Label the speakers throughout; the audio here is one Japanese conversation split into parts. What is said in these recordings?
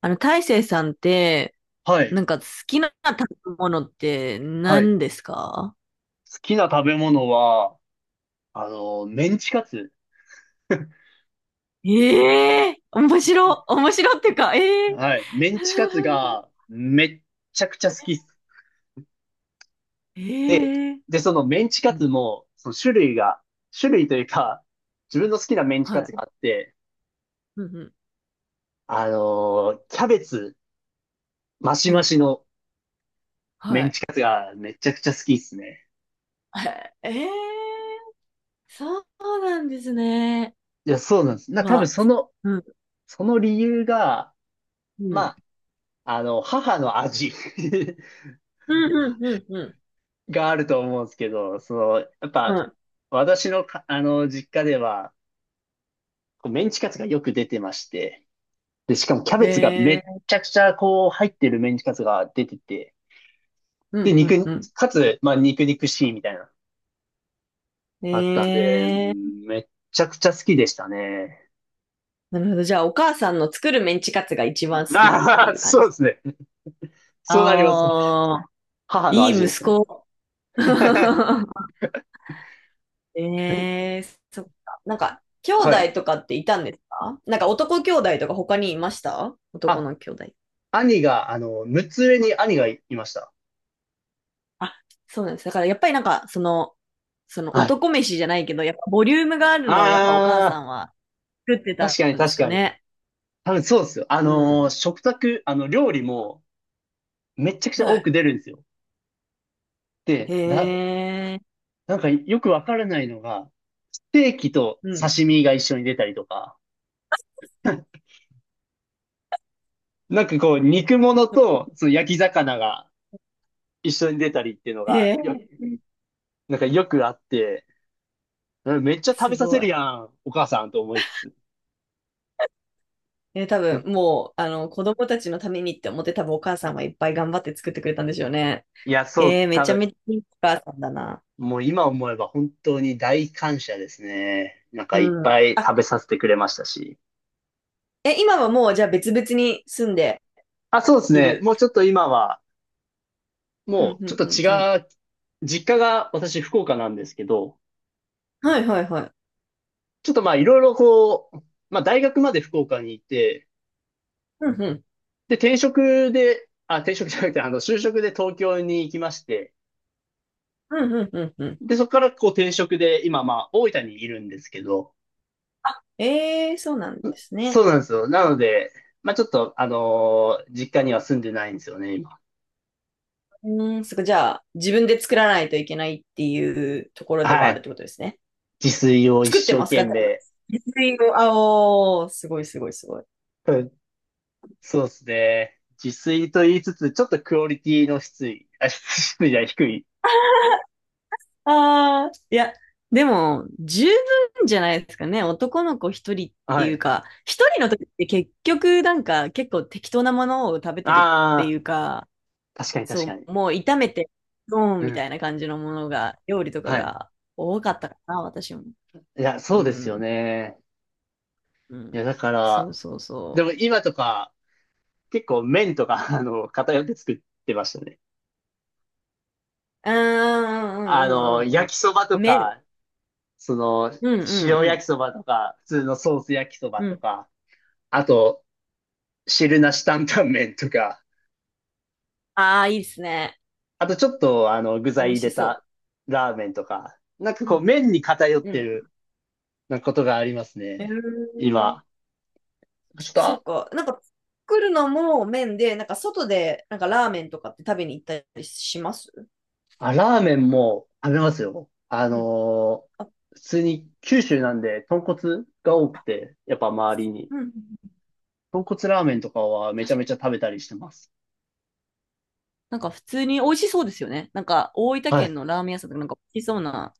Speaker 1: 大成さんって、
Speaker 2: はい。
Speaker 1: なんか好きな食べ物って
Speaker 2: はい。好
Speaker 1: 何ですか？
Speaker 2: きな食べ物は、メンチカツ。
Speaker 1: ええー、面白ってか、ええー、
Speaker 2: はい。メンチカツ がめっちゃくちゃ好きっす。
Speaker 1: え
Speaker 2: で、
Speaker 1: えー、
Speaker 2: で、そのメンチ
Speaker 1: う
Speaker 2: カツ
Speaker 1: ん、
Speaker 2: も、その種類が、種類というか、自分の好きなメンチ
Speaker 1: は
Speaker 2: カツ
Speaker 1: い、
Speaker 2: があって、
Speaker 1: うん、うん、
Speaker 2: キャベツマシ
Speaker 1: う
Speaker 2: マ
Speaker 1: ん、
Speaker 2: シのメ
Speaker 1: は
Speaker 2: ン
Speaker 1: い。
Speaker 2: チカツがめちゃくちゃ好きっすね。
Speaker 1: ええー、そうなんですね。
Speaker 2: いや、そうなんです。多分
Speaker 1: は、
Speaker 2: その、
Speaker 1: うん、
Speaker 2: その理由が、
Speaker 1: うん、
Speaker 2: ま母の味。
Speaker 1: うん、うん、うん、う
Speaker 2: があると思うんですけど、その、やっ
Speaker 1: ん、
Speaker 2: ぱ、
Speaker 1: は
Speaker 2: 私のか、あの、実家では、こうメンチカツがよく出てまして、で、しかもキャ
Speaker 1: い。
Speaker 2: ベツがめっ
Speaker 1: ええー、
Speaker 2: ちゃくちゃ、こう、入ってるメンチカツが出てて、
Speaker 1: う
Speaker 2: で、
Speaker 1: ん、うん、
Speaker 2: 肉、
Speaker 1: うん。
Speaker 2: かつ、まあ、肉肉しいみたいなあったんで、う
Speaker 1: ええー、
Speaker 2: ん、めっちゃくちゃ好きでしたね。
Speaker 1: なるほど。じゃあ、お母さんの作るメンチカツが一番好きって
Speaker 2: ああ、
Speaker 1: いう感
Speaker 2: そう
Speaker 1: じ。
Speaker 2: ですね。そうなりま
Speaker 1: あ
Speaker 2: す。
Speaker 1: あ。
Speaker 2: 母の
Speaker 1: いい
Speaker 2: 味で
Speaker 1: 息
Speaker 2: すね。
Speaker 1: 子。
Speaker 2: え、
Speaker 1: ええ、そっか。なんか、兄
Speaker 2: はい。
Speaker 1: 弟とかっていたんですか？なんか男兄弟とか他にいました？男
Speaker 2: あ、
Speaker 1: の兄弟。
Speaker 2: 兄が、あの、6つ上に兄がいました。
Speaker 1: あ、そうなんです。だからやっぱりなんか、その
Speaker 2: はい。
Speaker 1: 男飯じゃないけど、やっぱボリュームがある
Speaker 2: あ
Speaker 1: のをやっぱお母さ
Speaker 2: あ、
Speaker 1: んは作って
Speaker 2: 確
Speaker 1: た
Speaker 2: かに
Speaker 1: んです
Speaker 2: 確
Speaker 1: か
Speaker 2: かに。
Speaker 1: ね？
Speaker 2: 多分そうですよ。
Speaker 1: うん。
Speaker 2: 食卓、あの、料理もめちゃくちゃ
Speaker 1: は
Speaker 2: 多
Speaker 1: い。
Speaker 2: く出るんですよ。
Speaker 1: へ
Speaker 2: で、だ、
Speaker 1: え。
Speaker 2: なんかよくわからないのが、ステーキと
Speaker 1: うん。
Speaker 2: 刺身が一緒に出たりとか、なんかこう、肉物とその焼き魚が一緒に出たりっていうの
Speaker 1: へ
Speaker 2: が、
Speaker 1: え。
Speaker 2: なんかよくあって、うん、めっちゃ食
Speaker 1: す
Speaker 2: べさせ
Speaker 1: ごい。
Speaker 2: るやん、お母さんと思いつつ。
Speaker 1: ね、多
Speaker 2: う
Speaker 1: 分
Speaker 2: ん
Speaker 1: もう、子供たちのためにって思って多分お母さんはいっぱい頑張って作ってくれたんでしょうね。
Speaker 2: いや、そう、
Speaker 1: め
Speaker 2: 多
Speaker 1: ちゃ
Speaker 2: 分、
Speaker 1: めちゃいいお母さんだな。
Speaker 2: もう今思えば本当に大感謝ですね。なんか
Speaker 1: う
Speaker 2: いっ
Speaker 1: ん。
Speaker 2: ぱい食
Speaker 1: あ、
Speaker 2: べさせてくれましたし。
Speaker 1: 今はもうじゃあ別々に住んで
Speaker 2: あ、そうです
Speaker 1: い
Speaker 2: ね。
Speaker 1: る？
Speaker 2: もうちょっと今は、
Speaker 1: う
Speaker 2: も
Speaker 1: ん、
Speaker 2: う、
Speaker 1: う
Speaker 2: ち
Speaker 1: ん、
Speaker 2: ょっ
Speaker 1: うん、うん。
Speaker 2: と違う、実家が私福岡なんですけど、
Speaker 1: はいはいはい。
Speaker 2: ちょっとまあいろいろこう、まあ大学まで福岡にいて、
Speaker 1: うん、うん、
Speaker 2: で、転職じゃなくて、あの、就職で東京に行きまして、
Speaker 1: うん、うん、うん。うん、
Speaker 2: で、そこからこう転職で、今まあ大分にいるんですけど、
Speaker 1: そうなんです
Speaker 2: そう
Speaker 1: ね。
Speaker 2: なんですよ。なので、まあちょっと、実家には住んでないんですよね、今。
Speaker 1: うん、そっか。じゃあ自分で作らないといけないっていうところでは
Speaker 2: は
Speaker 1: あるっ
Speaker 2: い。
Speaker 1: てことですね？
Speaker 2: 自炊を一
Speaker 1: 作って
Speaker 2: 生
Speaker 1: ます
Speaker 2: 懸
Speaker 1: かじゃんと
Speaker 2: 命。
Speaker 1: 自炊 を、あおー、すごいすごいすごい。
Speaker 2: うん、そうですね。自炊と言いつつ、ちょっとクオリティの質、あ、質じゃない、低い。
Speaker 1: ああ、いや、でも、十分じゃないですかね。男の子一人って
Speaker 2: は
Speaker 1: いう
Speaker 2: い。
Speaker 1: か、一人の時って結局なんか結構適当なものを食べてるって
Speaker 2: あ
Speaker 1: い
Speaker 2: あ、
Speaker 1: うか、
Speaker 2: 確かに確か
Speaker 1: そ
Speaker 2: に。
Speaker 1: う、もう炒めて、ドーン
Speaker 2: う
Speaker 1: み
Speaker 2: ん。
Speaker 1: たいな感じのものが、料理とか
Speaker 2: はい。
Speaker 1: が多かったかな、私も。
Speaker 2: いや、そ
Speaker 1: う
Speaker 2: うですよ
Speaker 1: ん、
Speaker 2: ね。
Speaker 1: う
Speaker 2: い
Speaker 1: ん。
Speaker 2: や、だか
Speaker 1: そう
Speaker 2: ら、
Speaker 1: そう
Speaker 2: で
Speaker 1: そ
Speaker 2: も今とか、結構麺とか、あの、偏って作ってましたね。
Speaker 1: う。うー
Speaker 2: あの、
Speaker 1: ん、うん、うん、うん、う
Speaker 2: 焼
Speaker 1: ん。
Speaker 2: きそばと
Speaker 1: 麺。
Speaker 2: か、その、
Speaker 1: うん、うん、
Speaker 2: 塩
Speaker 1: う
Speaker 2: 焼
Speaker 1: ん。
Speaker 2: きそばとか、普通のソース焼きそば
Speaker 1: う
Speaker 2: と
Speaker 1: ん。
Speaker 2: か、あと、汁なし担々麺とか、
Speaker 1: ああ、いいですね。
Speaker 2: あとちょっと、あの、具
Speaker 1: 美
Speaker 2: 材
Speaker 1: 味
Speaker 2: 入
Speaker 1: し
Speaker 2: れ
Speaker 1: そ
Speaker 2: たラーメンとか、なんか
Speaker 1: う。う
Speaker 2: こう、
Speaker 1: ん、
Speaker 2: 麺に偏っ
Speaker 1: う
Speaker 2: て
Speaker 1: ん。
Speaker 2: るなことがあります
Speaker 1: うー
Speaker 2: ね。
Speaker 1: ん、
Speaker 2: 今、ちょっ
Speaker 1: そう
Speaker 2: と。
Speaker 1: か。なんか作るのも麺で、なんか外でなんかラーメンとかって食べに行ったりします？
Speaker 2: あ、ラーメンも食べますよ。
Speaker 1: うん。あ、
Speaker 2: 普通に九州なんで豚骨が多
Speaker 1: あ、
Speaker 2: くて、やっぱ周りに。
Speaker 1: うん。
Speaker 2: 豚骨ラーメンとかはめち
Speaker 1: 確
Speaker 2: ゃめ
Speaker 1: か
Speaker 2: ちゃ
Speaker 1: に。
Speaker 2: 食べたりしてます。
Speaker 1: なんか普通に美味しそうですよね。なんか大分
Speaker 2: は
Speaker 1: 県
Speaker 2: い。
Speaker 1: のラーメン屋さんとかなんか美味しそうな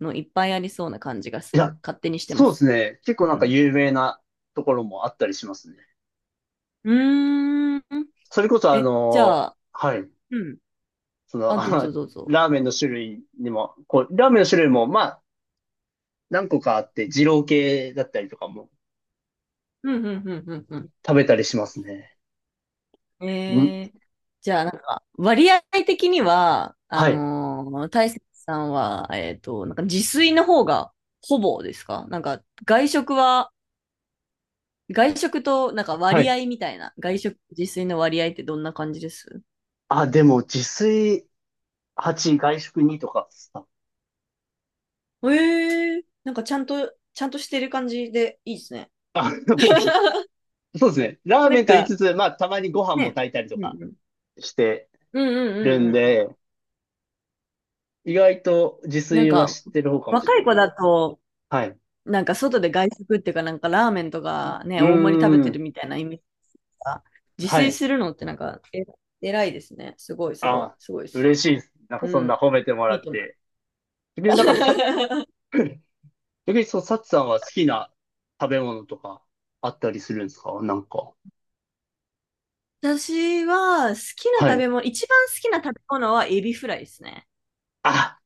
Speaker 1: のいっぱいありそうな感じが
Speaker 2: い
Speaker 1: す
Speaker 2: や、
Speaker 1: る。勝手にしてま
Speaker 2: そうです
Speaker 1: す。
Speaker 2: ね。結構
Speaker 1: う
Speaker 2: なんか
Speaker 1: ん。
Speaker 2: 有名なところもあったりしますね。
Speaker 1: うーん。
Speaker 2: それこそあ
Speaker 1: え、じ
Speaker 2: の
Speaker 1: ゃ
Speaker 2: ー
Speaker 1: あ、
Speaker 2: はい。
Speaker 1: うん。
Speaker 2: その、
Speaker 1: あ、どうぞ
Speaker 2: あ、
Speaker 1: どうぞ。
Speaker 2: ラーメンの種類にも、こう、ラーメンの種類も、まあ、何個かあって、二郎系だったりとかも
Speaker 1: うん、うん、うん、うん。うん、
Speaker 2: 食べたりしますね。ん、
Speaker 1: えー、じゃあ、なんか、割合的には、
Speaker 2: はい。
Speaker 1: 大雪さんは、なんか自炊の方がほぼですか？なんか、外食は、外食と、なんか
Speaker 2: は
Speaker 1: 割
Speaker 2: い。
Speaker 1: 合みたいな、外食、自炊の割合ってどんな感じです？
Speaker 2: あ、でも自炊、8、外食にとかさ、
Speaker 1: ええー、なんかちゃんと、ちゃんとしてる感じでいいですね。
Speaker 2: あ、そうです。 そうですね。ラー
Speaker 1: な
Speaker 2: メ
Speaker 1: ん
Speaker 2: ンと言い
Speaker 1: か、
Speaker 2: つつ、まあ、たまにご飯も
Speaker 1: ね。
Speaker 2: 炊いたりと
Speaker 1: う
Speaker 2: か
Speaker 1: んうん。
Speaker 2: して
Speaker 1: うんう
Speaker 2: る
Speaker 1: ん
Speaker 2: ん
Speaker 1: うんうん。
Speaker 2: で、意外と自
Speaker 1: なん
Speaker 2: 炊は
Speaker 1: か、
Speaker 2: 知ってる方かもしれ
Speaker 1: 若
Speaker 2: な
Speaker 1: い
Speaker 2: い。
Speaker 1: 子だと、
Speaker 2: はい。う
Speaker 1: なんか外で外食っていうか、なんかラーメンとかね、
Speaker 2: ー
Speaker 1: 大盛り食べてる
Speaker 2: ん。
Speaker 1: みたいなイメージか？自
Speaker 2: は
Speaker 1: 炊
Speaker 2: い。
Speaker 1: するのってなんか、偉いですね。すごい、すごい、
Speaker 2: あ、
Speaker 1: すごいです。
Speaker 2: 嬉しいです。なんか
Speaker 1: う
Speaker 2: そんな
Speaker 1: ん。
Speaker 2: 褒めてもら
Speaker 1: いい
Speaker 2: っ
Speaker 1: と思います。
Speaker 2: て。逆になんかさ、逆にそう、サチさんは好きな食べ物とかあったりするんですか、なんか。
Speaker 1: 私は好きな
Speaker 2: は
Speaker 1: 食
Speaker 2: い。
Speaker 1: べ物、一番好きな食べ物はエビフライですね。
Speaker 2: あ、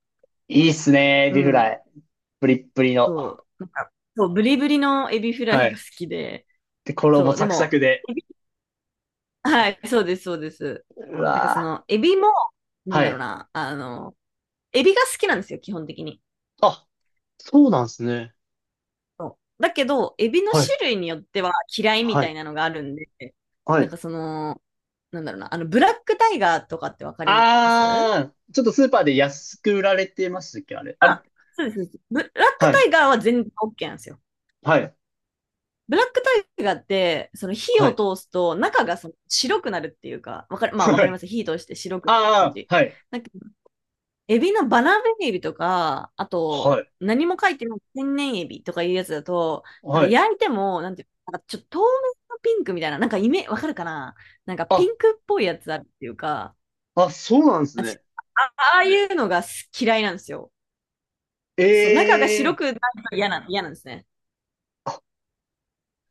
Speaker 2: いいっすね、エ
Speaker 1: う
Speaker 2: ビフラ
Speaker 1: ん。
Speaker 2: イ。プリップリの。
Speaker 1: そう。なんか、そう、ブリブリのエビフラ
Speaker 2: は
Speaker 1: イが
Speaker 2: い。
Speaker 1: 好きで、
Speaker 2: で、衣
Speaker 1: そう、で
Speaker 2: サクサ
Speaker 1: も、
Speaker 2: クで。
Speaker 1: エビはい、そうです、そうです。
Speaker 2: う
Speaker 1: なんかそ
Speaker 2: わぁ、
Speaker 1: の、エビも、なん
Speaker 2: は
Speaker 1: だろう
Speaker 2: い。
Speaker 1: な、あの、エビが好きなんですよ、基本的に。
Speaker 2: あ、そうなんですね。
Speaker 1: そうだけど、エビの
Speaker 2: はい、
Speaker 1: 種類によっては嫌いみ
Speaker 2: は
Speaker 1: た
Speaker 2: い、
Speaker 1: いなのがあるんで、
Speaker 2: は
Speaker 1: なん
Speaker 2: い、
Speaker 1: かその、なんだろうな、あの、ブラックタイガーとかってわかります？
Speaker 2: あー、ちょっとスーパーで安く売られてましたっけあれ。あれ、
Speaker 1: あ、そうです。そうです。ブラック
Speaker 2: は
Speaker 1: タ
Speaker 2: い、
Speaker 1: イガーは全然 OK なんですよ。
Speaker 2: はい、
Speaker 1: ブラックタイガーって、その火
Speaker 2: は
Speaker 1: を
Speaker 2: い、
Speaker 1: 通すと中がその白くなるっていうか、わかる、まあわか
Speaker 2: は
Speaker 1: りま
Speaker 2: い。
Speaker 1: す。火通して白 くなる感
Speaker 2: あ
Speaker 1: じ。
Speaker 2: ー、はい。
Speaker 1: なんかエビのバランエビとか、あ
Speaker 2: は
Speaker 1: と、
Speaker 2: い、
Speaker 1: 何も書いてない天然エビとかいうやつだと、なんか
Speaker 2: はい。
Speaker 1: 焼いても、なんていうの、なんかちょっと透明のピンクみたいな、なんかわかるかな？なんかピ
Speaker 2: あ、
Speaker 1: ンクっぽいやつあるっていうか、
Speaker 2: あ、そうなんです
Speaker 1: 私、
Speaker 2: ね。
Speaker 1: あ、ああいうのが嫌いなんですよ。そう、中が白
Speaker 2: ええ
Speaker 1: くないと嫌なんですね。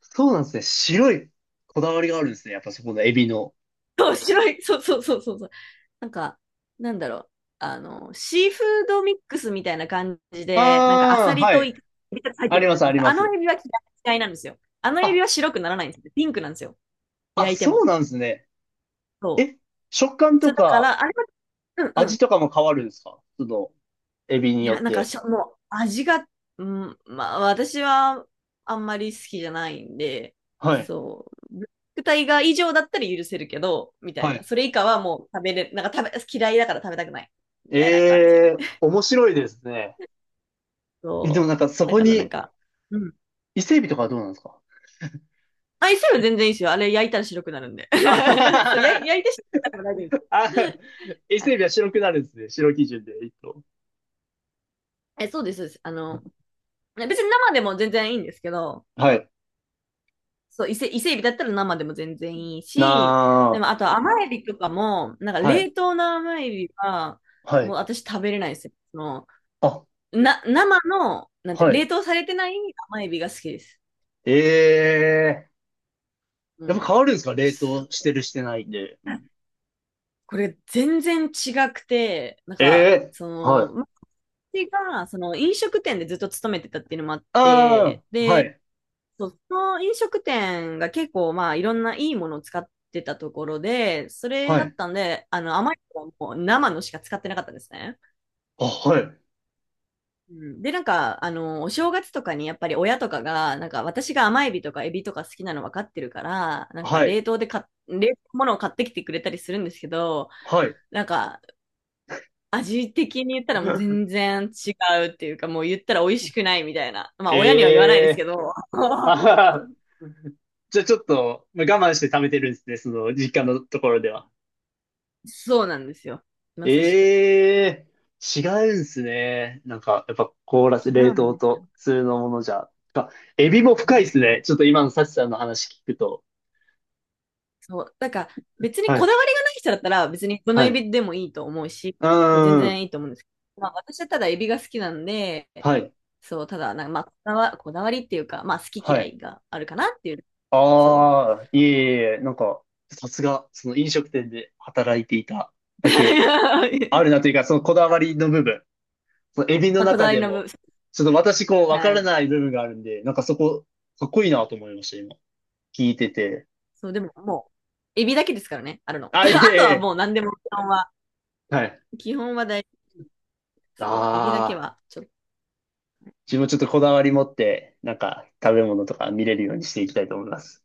Speaker 2: ー、そうなんですね。白いこだわりがあるんですね。やっぱそこのエビの。
Speaker 1: そう、白い、そうそうそうそうそう。なんか、なんだろう。あの、シーフードミックスみたいな感じで、なんかアサ
Speaker 2: あー、
Speaker 1: リ
Speaker 2: は
Speaker 1: と
Speaker 2: い。
Speaker 1: イカが入っ
Speaker 2: あ
Speaker 1: てる
Speaker 2: り
Speaker 1: やつあ
Speaker 2: ま
Speaker 1: るじ
Speaker 2: す、
Speaker 1: ゃな
Speaker 2: あ
Speaker 1: いで
Speaker 2: り
Speaker 1: すか。
Speaker 2: ま
Speaker 1: あの
Speaker 2: す。
Speaker 1: エビは嫌いなんですよ。あのエビ
Speaker 2: あ、
Speaker 1: は白くならないんですよ。ピンクなんですよ。
Speaker 2: あ、
Speaker 1: 焼いて
Speaker 2: そう
Speaker 1: も。
Speaker 2: なんですね。
Speaker 1: そう。
Speaker 2: え、食感
Speaker 1: そう
Speaker 2: と
Speaker 1: だか
Speaker 2: か
Speaker 1: ら、あれは、うんう
Speaker 2: 味
Speaker 1: ん。
Speaker 2: とかも変わるんですか、その、エビに
Speaker 1: い
Speaker 2: よ
Speaker 1: や、
Speaker 2: っ
Speaker 1: なんか
Speaker 2: て。
Speaker 1: もう味が、うん、まあ私はあんまり好きじゃないんで、
Speaker 2: はい。
Speaker 1: そう、ブラックタイガー以上だったら許せるけど、みた
Speaker 2: は
Speaker 1: いな。
Speaker 2: い、
Speaker 1: それ以下はもう食べれ、なんか食べ、嫌いだから食べたくない。み
Speaker 2: え
Speaker 1: たいな感じ。
Speaker 2: えー、面白いですね。え、でも
Speaker 1: そ
Speaker 2: なんかそ
Speaker 1: う。だ
Speaker 2: こ
Speaker 1: からなん
Speaker 2: に
Speaker 1: か、うん。
Speaker 2: 伊勢海老とかはどうなんですか。
Speaker 1: あ、イスは全然いいですよ。あれ焼いたら白くなるんで。
Speaker 2: あはは
Speaker 1: そう、
Speaker 2: は。
Speaker 1: 焼いて白くなるから大丈
Speaker 2: あ、
Speaker 1: 夫です。
Speaker 2: 伊
Speaker 1: は
Speaker 2: 勢
Speaker 1: い。
Speaker 2: 海老は白くなるんですね。白基準で、一頭。
Speaker 1: え、そうです、そうです。あの、別に生でも全然いいんですけど、
Speaker 2: はい。
Speaker 1: そう、伊勢海ビだったら生でも全然いいし、で
Speaker 2: な、
Speaker 1: もあと甘エビとかも、なんか
Speaker 2: あ、はい、
Speaker 1: 冷凍の甘エビは、
Speaker 2: は
Speaker 1: もう
Speaker 2: い。
Speaker 1: 私食べれないですよ。その、
Speaker 2: あ、
Speaker 1: 生の、なんて、
Speaker 2: は
Speaker 1: 冷
Speaker 2: い。
Speaker 1: 凍されてない甘エビが好きです。
Speaker 2: ええー、
Speaker 1: う
Speaker 2: やっぱ変
Speaker 1: ん。
Speaker 2: わるんですか、冷
Speaker 1: そ
Speaker 2: 凍して
Speaker 1: う、
Speaker 2: るしてないんで。
Speaker 1: これ全然違くて、なん
Speaker 2: え
Speaker 1: か、
Speaker 2: え
Speaker 1: そ
Speaker 2: ー、は
Speaker 1: の、
Speaker 2: い。
Speaker 1: 私が、その飲食店でずっと勤めてたっていうのもあっ
Speaker 2: ああ、
Speaker 1: て、
Speaker 2: は
Speaker 1: で、
Speaker 2: い、
Speaker 1: そう、その飲食店が結構まあいろんないいものを使ってたところで、それ
Speaker 2: は
Speaker 1: だっ
Speaker 2: い。
Speaker 1: たんで、あの甘いのはもう生のしか使ってなかったんですね。
Speaker 2: あ、はい、
Speaker 1: うん、で、なんか、あの、お正月とかにやっぱり親とかが、なんか私が甘エビとかエビとか好きなの分かってるから、なんか
Speaker 2: はい、
Speaker 1: 冷凍で冷凍物を買ってきてくれたりするんですけど、
Speaker 2: はい。
Speaker 1: なんか味的に言ったらもう全 然違うっていうか、もう言ったら美味しくないみたいな。まあ親には言わない
Speaker 2: え
Speaker 1: ですけ
Speaker 2: えー、
Speaker 1: ど、
Speaker 2: あ はは、じゃあちょっと、まあ我慢して貯めてるんですね、その実家のところでは。
Speaker 1: そうなんですよ。まさしく。
Speaker 2: ええー、違うんすね。なんか、やっぱ凍らせ、
Speaker 1: 違
Speaker 2: 冷
Speaker 1: うん
Speaker 2: 凍
Speaker 1: です
Speaker 2: と普通のものじゃ。か、エビも深いですね。
Speaker 1: よ。
Speaker 2: ちょっと今のサチさんの話聞くと。
Speaker 1: そう。だから、別に
Speaker 2: は
Speaker 1: こだ
Speaker 2: い、
Speaker 1: わりがない人だったら、別にこの
Speaker 2: はい。
Speaker 1: エ
Speaker 2: う
Speaker 1: ビでもいいと思うし、
Speaker 2: ー
Speaker 1: そう、全
Speaker 2: ん、
Speaker 1: 然いいと思うんですけど、まあ、私はただエビが好きなんで、
Speaker 2: はい、
Speaker 1: そう、ただ、なんかまあ、こだわりっていうか、まあ、好き
Speaker 2: は
Speaker 1: 嫌
Speaker 2: い。
Speaker 1: いがあるかなっていう、そ
Speaker 2: ああ、いえいえ、なんか、さすが、その飲食店で働いていた
Speaker 1: う。
Speaker 2: だけ あるなというか、そのこだわりの部分。そのエビの
Speaker 1: まあ、こだ
Speaker 2: 中
Speaker 1: わり
Speaker 2: で
Speaker 1: の部
Speaker 2: も、
Speaker 1: 分、
Speaker 2: ちょっと私こうわか
Speaker 1: は
Speaker 2: ら
Speaker 1: い。
Speaker 2: ない部分があるんで、なんかそこ、かっこいいなと思いました、今。聞いてて。
Speaker 1: そう、でももう、エビだけですからね、あるの。
Speaker 2: あ、いえい
Speaker 1: あとは
Speaker 2: え。
Speaker 1: もう何でも基本は、
Speaker 2: はい。
Speaker 1: 基本はそう、エビだけ
Speaker 2: ああ、
Speaker 1: はちょっと
Speaker 2: 自分ちょっとこだわり持って、なんか食べ物とか見れるようにしていきたいと思います。